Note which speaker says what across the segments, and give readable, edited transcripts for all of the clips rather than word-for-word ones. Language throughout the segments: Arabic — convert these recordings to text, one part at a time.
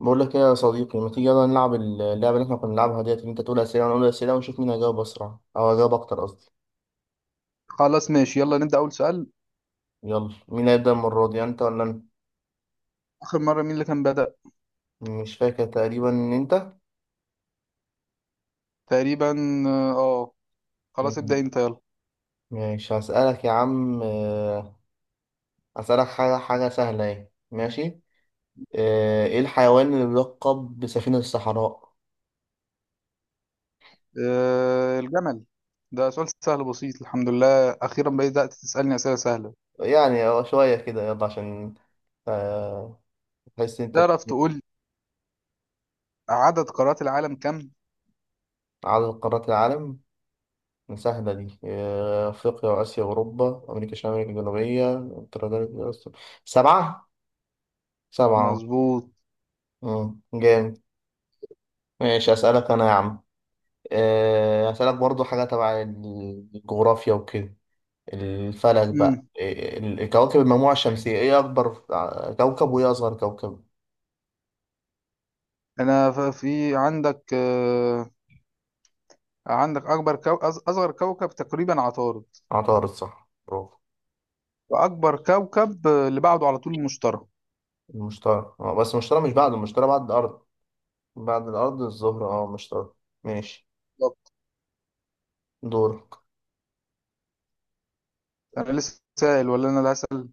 Speaker 1: بقول لك ايه يا صديقي، ما تيجي يلا نلعب اللعبه اللي احنا كنا بنلعبها ديت، اللي انت تقول اسئله وانا اقول اسئله ونشوف مين هيجاوب اسرع او هيجاوب اكتر قصدي.
Speaker 2: خلاص ماشي، يلا نبدأ أول سؤال.
Speaker 1: يلا مين هيبدا المره دي، انت ولا انا؟
Speaker 2: آخر مرة مين اللي كان بدأ؟
Speaker 1: مش فاكر، تقريبا ان انت.
Speaker 2: تقريبا. اه آه. خلاص ابدأ
Speaker 1: مم.
Speaker 2: أنت يلا.
Speaker 1: ماشي هسالك يا عم، هسالك حاجه سهله اهي، ماشي. ايه الحيوان اللي بيلقب بسفينه الصحراء؟
Speaker 2: آه، الجمل. ده سؤال سهل بسيط، الحمد لله أخيرا بدأت تسألني أسئلة سهلة.
Speaker 1: يعني هو شويه كده يلا عشان آه، تحس إن انت
Speaker 2: تعرف تقول عدد قارات العالم كم؟
Speaker 1: عدد قارات العالم، مساحة دي، أفريقيا وآسيا وأوروبا، أمريكا الشمالية، أمريكا الجنوبية، أستراليا، سبعة، سبعة.
Speaker 2: مظبوط.
Speaker 1: مم. جامد. ماشي أسألك أنا يا عم، أسألك برضو حاجة تبع الجغرافيا وكده، الفلك بقى،
Speaker 2: مم.
Speaker 1: كواكب المجموعة الشمسية، إيه أكبر كوكب وإيه أصغر كوكب؟
Speaker 2: أنا في عندك عندك أصغر كوكب تقريبا عطارد،
Speaker 1: عطارد صح، برافو.
Speaker 2: وأكبر كوكب اللي بعده على طول المشتري.
Speaker 1: المشتري. بس المشتري مش بعد، المشتري بعد الأرض. بعد الأرض الزهرة المشتري. ماشي،
Speaker 2: بالظبط.
Speaker 1: دورك.
Speaker 2: أنا لسه سائل ولا أنا اللي هسأل؟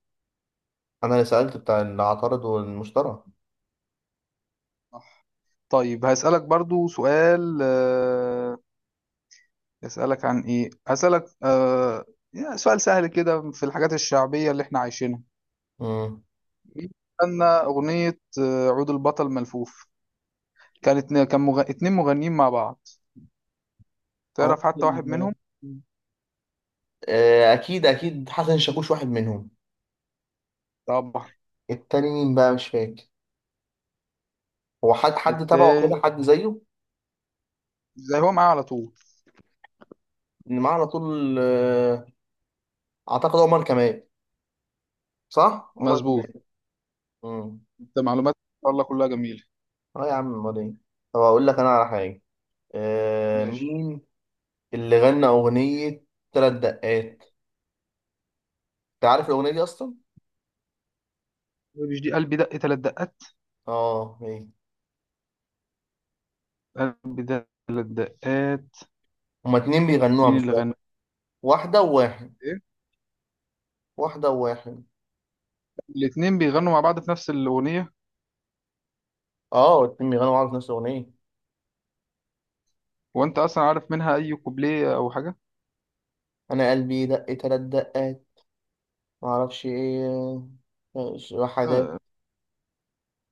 Speaker 1: أنا اللي سألت بتاع العطارد والمشتري.
Speaker 2: طيب هسألك برضو سؤال، أسألك عن إيه؟ أسألك يعني سؤال سهل كده في الحاجات الشعبية اللي إحنا عايشينها.
Speaker 1: مم.
Speaker 2: مين غنى أغنية عود البطل ملفوف؟ اتنين مغنيين مع بعض،
Speaker 1: عمر
Speaker 2: تعرف حتى واحد منهم؟
Speaker 1: اكيد اكيد حسن شاكوش واحد منهم.
Speaker 2: طبعا.
Speaker 1: التاني مين بقى، مش فاكر. هو حد تبعه
Speaker 2: التاني
Speaker 1: كده، حد زيه.
Speaker 2: زي هو معاه على طول.
Speaker 1: اللي معاه على طول، اعتقد عمر كمال. صح عمر
Speaker 2: مظبوط.
Speaker 1: كمال. امم
Speaker 2: أنت معلومات الله كلها جميلة.
Speaker 1: اه يا عم، امال ايه. طب اقول لك انا على حاجه،
Speaker 2: ماشي.
Speaker 1: مين اللي غنى اغنيه ثلاث دقات؟ انت عارف الاغنيه دي اصلا؟
Speaker 2: مش دي قلبي دق تلات دقات؟
Speaker 1: اه، ايه.
Speaker 2: قلبي دق تلات دقات.
Speaker 1: هما اتنين بيغنوها
Speaker 2: مين
Speaker 1: مش
Speaker 2: اللي
Speaker 1: واحد.
Speaker 2: غنى؟
Speaker 1: واحده وواحد.
Speaker 2: إيه؟
Speaker 1: واحده وواحد.
Speaker 2: الاتنين بيغنوا مع بعض في نفس الأغنية.
Speaker 1: اه، الاتنين بيغنوا مع بعض في نفس الاغنيه.
Speaker 2: وأنت أصلا عارف منها أي كوبليه أو حاجة؟
Speaker 1: انا قلبي دق ثلاث دقات، ما اعرفش ايه. وحدات
Speaker 2: آه.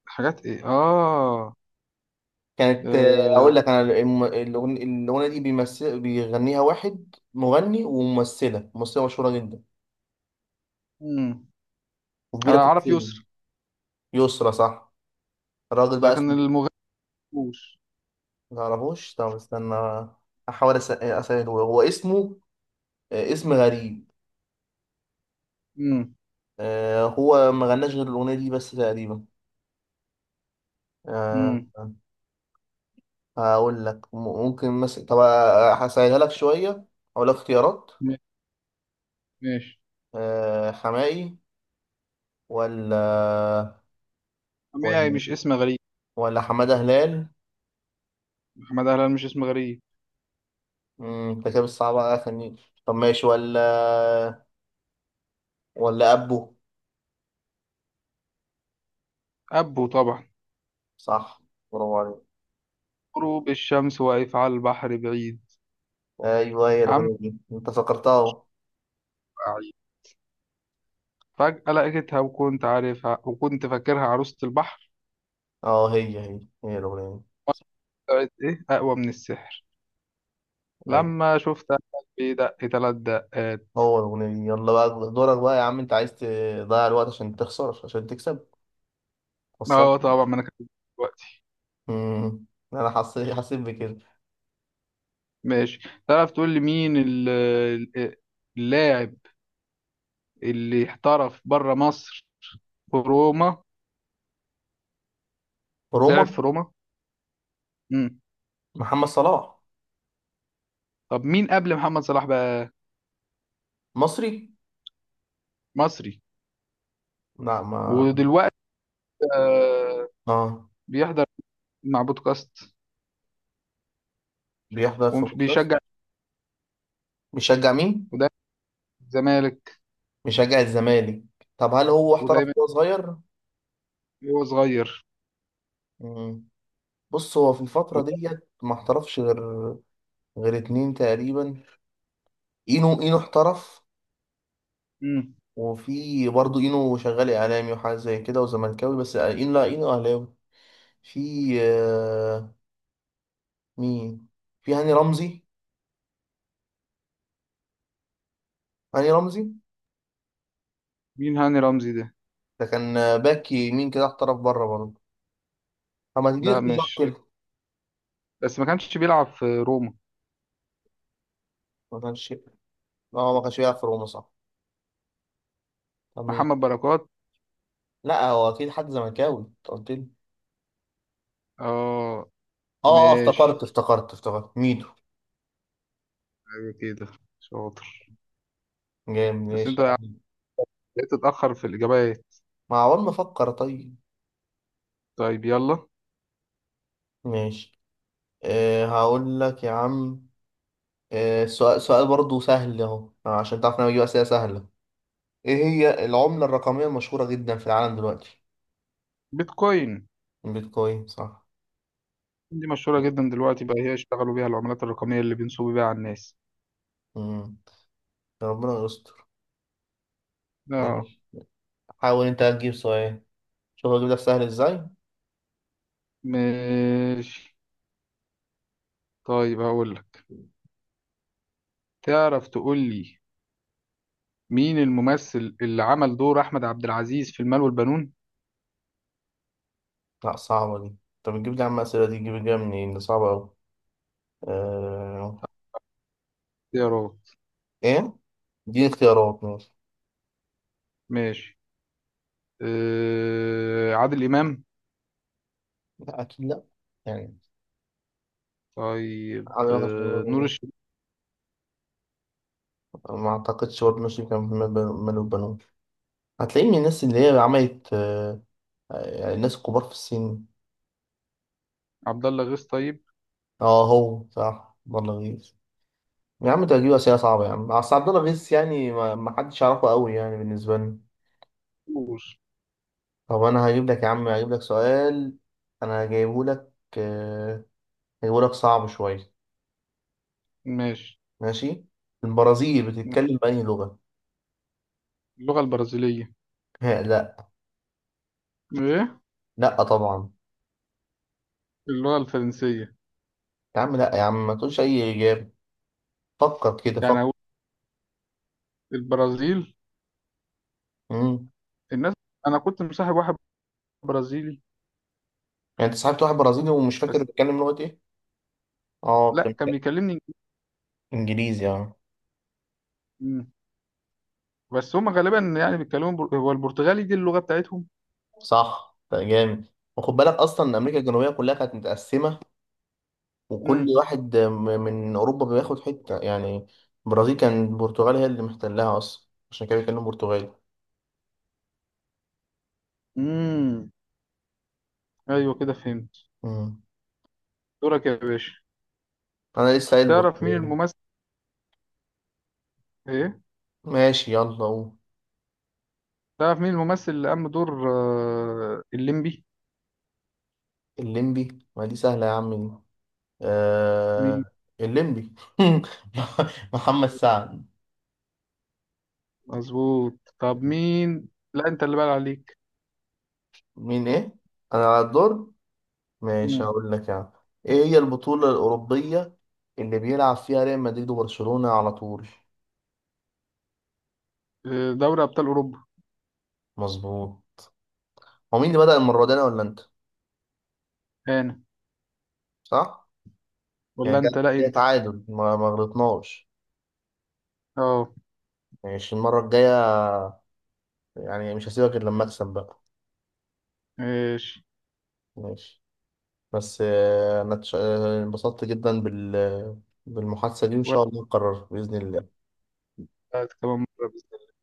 Speaker 2: حاجات ايه اه.
Speaker 1: كانت، اقول
Speaker 2: آه.
Speaker 1: لك انا الاغنيه دي بيمثل بيغنيها واحد مغني وممثله مشهوره جدا
Speaker 2: مم. انا
Speaker 1: وكبيره في
Speaker 2: اعرف
Speaker 1: السن.
Speaker 2: يسر،
Speaker 1: يسرا صح. الراجل بقى
Speaker 2: لكن
Speaker 1: اسمه
Speaker 2: المغني مش.
Speaker 1: ما تعرفوش. طب استنى، احاول اسأله، هو اسمه اسم غريب.
Speaker 2: امم
Speaker 1: هو ما غناش غير الاغنيه دي بس تقريبا. آه،
Speaker 2: امم
Speaker 1: هقول لك ممكن مثلا، طب هسهلها لك شويه، هقول لك اختيارات.
Speaker 2: ماشي.
Speaker 1: حماقي؟ ولا،
Speaker 2: حماية
Speaker 1: ولا،
Speaker 2: مش اسم غريب.
Speaker 1: ولا حمادة هلال؟
Speaker 2: محمد هلال مش اسم غريب.
Speaker 1: انت كده صعب على، خليني. طب ماشي، ولا ولا أبو؟
Speaker 2: ابو طبعا.
Speaker 1: صح، برافو عليك.
Speaker 2: غروب الشمس واقف على البحر بعيد.
Speaker 1: أيوه هي
Speaker 2: عم
Speaker 1: الأغنية دي، أنت فكرتها أهو.
Speaker 2: بعيد. فجأة لقيتها وكنت عارفها وكنت فاكرها عروسة البحر،
Speaker 1: أه هي الأغنية دي.
Speaker 2: طلعت ايه اقوى من السحر،
Speaker 1: أيوه.
Speaker 2: لما شفتها قلبي دق تلات دقات.
Speaker 1: هو الأغنية دي، يلا بقى دورك بقى يا عم، أنت عايز تضيع الوقت عشان تخسر عشان تكسب؟ خسرت.
Speaker 2: اه طبعا ما انا كنت دلوقتي.
Speaker 1: مم، أنا حسيت بكده.
Speaker 2: ماشي. تعرف تقول لي مين ال- اللاعب اللي احترف بره مصر، في روما؟
Speaker 1: روما.
Speaker 2: لعب في روما. امم.
Speaker 1: محمد صلاح.
Speaker 2: طب مين قبل محمد صلاح بقى؟
Speaker 1: مصري.
Speaker 2: مصري.
Speaker 1: لا، ما
Speaker 2: ودلوقتي آه
Speaker 1: أه.
Speaker 2: بيحضر مع بودكاست،
Speaker 1: بيحضر في بودكاست.
Speaker 2: وبيشجع،
Speaker 1: بيشجع مين؟
Speaker 2: وده الزمالك،
Speaker 1: مشجع الزمالك. طب هل هو احترف
Speaker 2: ودايما
Speaker 1: وهو صغير؟
Speaker 2: هو صغير.
Speaker 1: مم. بص هو في الفترة
Speaker 2: وده-
Speaker 1: ديت ما احترفش غير، غير اتنين تقريبا. اينو احترف.
Speaker 2: مم.
Speaker 1: وفي برضه اينو شغال اعلامي وحاجة زي كده وزملكاوي بس، اينو، لا اينو اهلاوي. في، آه، مين؟ في هاني رمزي، هاني رمزي
Speaker 2: مين هاني رمزي ده؟
Speaker 1: ده كان باك يمين كده، احترف بره برضه. طب ما تديني
Speaker 2: لا
Speaker 1: اختيارات
Speaker 2: مش،
Speaker 1: كده.
Speaker 2: بس ما كانش بيلعب في روما.
Speaker 1: ما كانش. اه ما كانش بيلعب في روما، صح. طب مين؟
Speaker 2: محمد بركات.
Speaker 1: لا، هو اكيد حد زملكاوي انت قلت لي.
Speaker 2: اه.
Speaker 1: اه،
Speaker 2: ماشي،
Speaker 1: افتكرت افتكرت افتكرت ميدو.
Speaker 2: ايوه كده، شاطر.
Speaker 1: جامد،
Speaker 2: بس
Speaker 1: ماشي يا
Speaker 2: انت
Speaker 1: عم.
Speaker 2: بقيت تتأخر في الإجابات.
Speaker 1: ما عمال بفكر طيب.
Speaker 2: طيب يلا.
Speaker 1: ماشي. أه هقول لك يا عم، أه سؤال سؤال برضه سهل اهو عشان تعرف إن انا بجيب اسئله سهله. ايه هي العمله الرقميه المشهوره جدا في العالم دلوقتي؟
Speaker 2: بيتكوين.
Speaker 1: البيتكوين صح.
Speaker 2: دي مشهورة جدا دلوقتي بقى، هي يشتغلوا بيها العملات الرقمية اللي بينصبوا بيها على الناس.
Speaker 1: امم يا ربنا يستر.
Speaker 2: اه.
Speaker 1: ماشي. حاول انت هتجيب سؤال، شوف هجيب لك سهل ازاي.
Speaker 2: ماشي. طيب هقول لك، تعرف تقول لي مين الممثل اللي عمل دور أحمد عبد العزيز في المال والبنون؟
Speaker 1: لا، صعبه دي. طب تجيب لي يا عم، اسئله دي تجيب لي منين، دي صعبه قوي. أه...
Speaker 2: اختيارات
Speaker 1: ايه دي اختيارات، ماشي.
Speaker 2: ماشي. آه عادل إمام؟
Speaker 1: لا اكيد لا، يعني.
Speaker 2: طيب
Speaker 1: على وجه
Speaker 2: آه نور
Speaker 1: النظر،
Speaker 2: الشريف؟
Speaker 1: ما اعتقدش برضه، ماشي. كان من مال وبنون، هتلاقيه من الناس اللي هي عملت، يعني الناس الكبار في السن.
Speaker 2: عبد الله غيث طيب؟
Speaker 1: اه، هو صح عبد الله غيث. يا عم ده هتجيب أسئلة صعبة يا عم، أصل عبد الله غيث يعني ما حدش يعرفه قوي يعني بالنسبة لي.
Speaker 2: نور.
Speaker 1: طب أنا هجيب لك يا عم، هجيب لك سؤال، أنا جايبه لك، آه، هجيبه لك صعب شوية.
Speaker 2: ماشي.
Speaker 1: ماشي. البرازيل بتتكلم بأنهي لغة؟
Speaker 2: اللغة البرازيلية.
Speaker 1: لا.
Speaker 2: ايه؟
Speaker 1: لا طبعا.
Speaker 2: اللغة الفرنسية.
Speaker 1: يا عم لا يا عم، ما تقولش أي إجابة، فكر كده،
Speaker 2: يعني هقول البرازيل
Speaker 1: فكر.
Speaker 2: الناس. أنا كنت مصاحب واحد برازيلي
Speaker 1: يعني انت صاحبت واحد برازيلي ومش فاكر
Speaker 2: بس.
Speaker 1: بيتكلم لغة ايه؟ اه،
Speaker 2: لا
Speaker 1: فهمت.
Speaker 2: كان بيكلمني.
Speaker 1: انجليزي، اه.
Speaker 2: مم. بس هم غالبا يعني هو البرتغالي دي اللغة بتاعتهم.
Speaker 1: صح، ده جامد. وخد بالك اصلا ان امريكا الجنوبية كلها كانت متقسمة، وكل
Speaker 2: امم.
Speaker 1: واحد من اوروبا بياخد حتة يعني. البرازيل كان البرتغال هي اللي محتلها اصلا، عشان كده بيتكلم برتغالي.
Speaker 2: امم، ايوه كده فهمت.
Speaker 1: مم.
Speaker 2: دورك يا باشا.
Speaker 1: انا لسه قايل
Speaker 2: تعرف مين
Speaker 1: برتغالي.
Speaker 2: الممثل؟ ايه؟
Speaker 1: ماشي يلا قوم.
Speaker 2: تعرف مين الممثل اللي قام بدور الليمبي؟
Speaker 1: الليمبي، ما دي سهلة يا عم دي،
Speaker 2: مين؟
Speaker 1: آه... الليمبي. محمد سعد.
Speaker 2: مظبوط. طب مين؟ لا انت اللي بقى عليك.
Speaker 1: مين ايه؟ انا على الدور. ماشي
Speaker 2: امم.
Speaker 1: هقول لك، يعني ايه هي البطولة الأوروبية اللي بيلعب فيها ريال مدريد وبرشلونة على طول؟
Speaker 2: آه، دوري ابطال اوروبا.
Speaker 1: مظبوط. هو مين اللي بدأ المرة دي، انا ولا انت؟
Speaker 2: انا
Speaker 1: صح.
Speaker 2: ولا
Speaker 1: يعني
Speaker 2: انت؟ لا
Speaker 1: جه
Speaker 2: انت.
Speaker 1: تعادل ما غلطناش.
Speaker 2: اه.
Speaker 1: ماشي المرة الجاية، يعني مش هسيبك إلا لما أكسب بقى.
Speaker 2: ماشي.
Speaker 1: ماشي. بس أنا انبسطت جدا بالمحادثة دي، وإن شاء الله نكررها بإذن الله.
Speaker 2: واحد كمان مرة بس.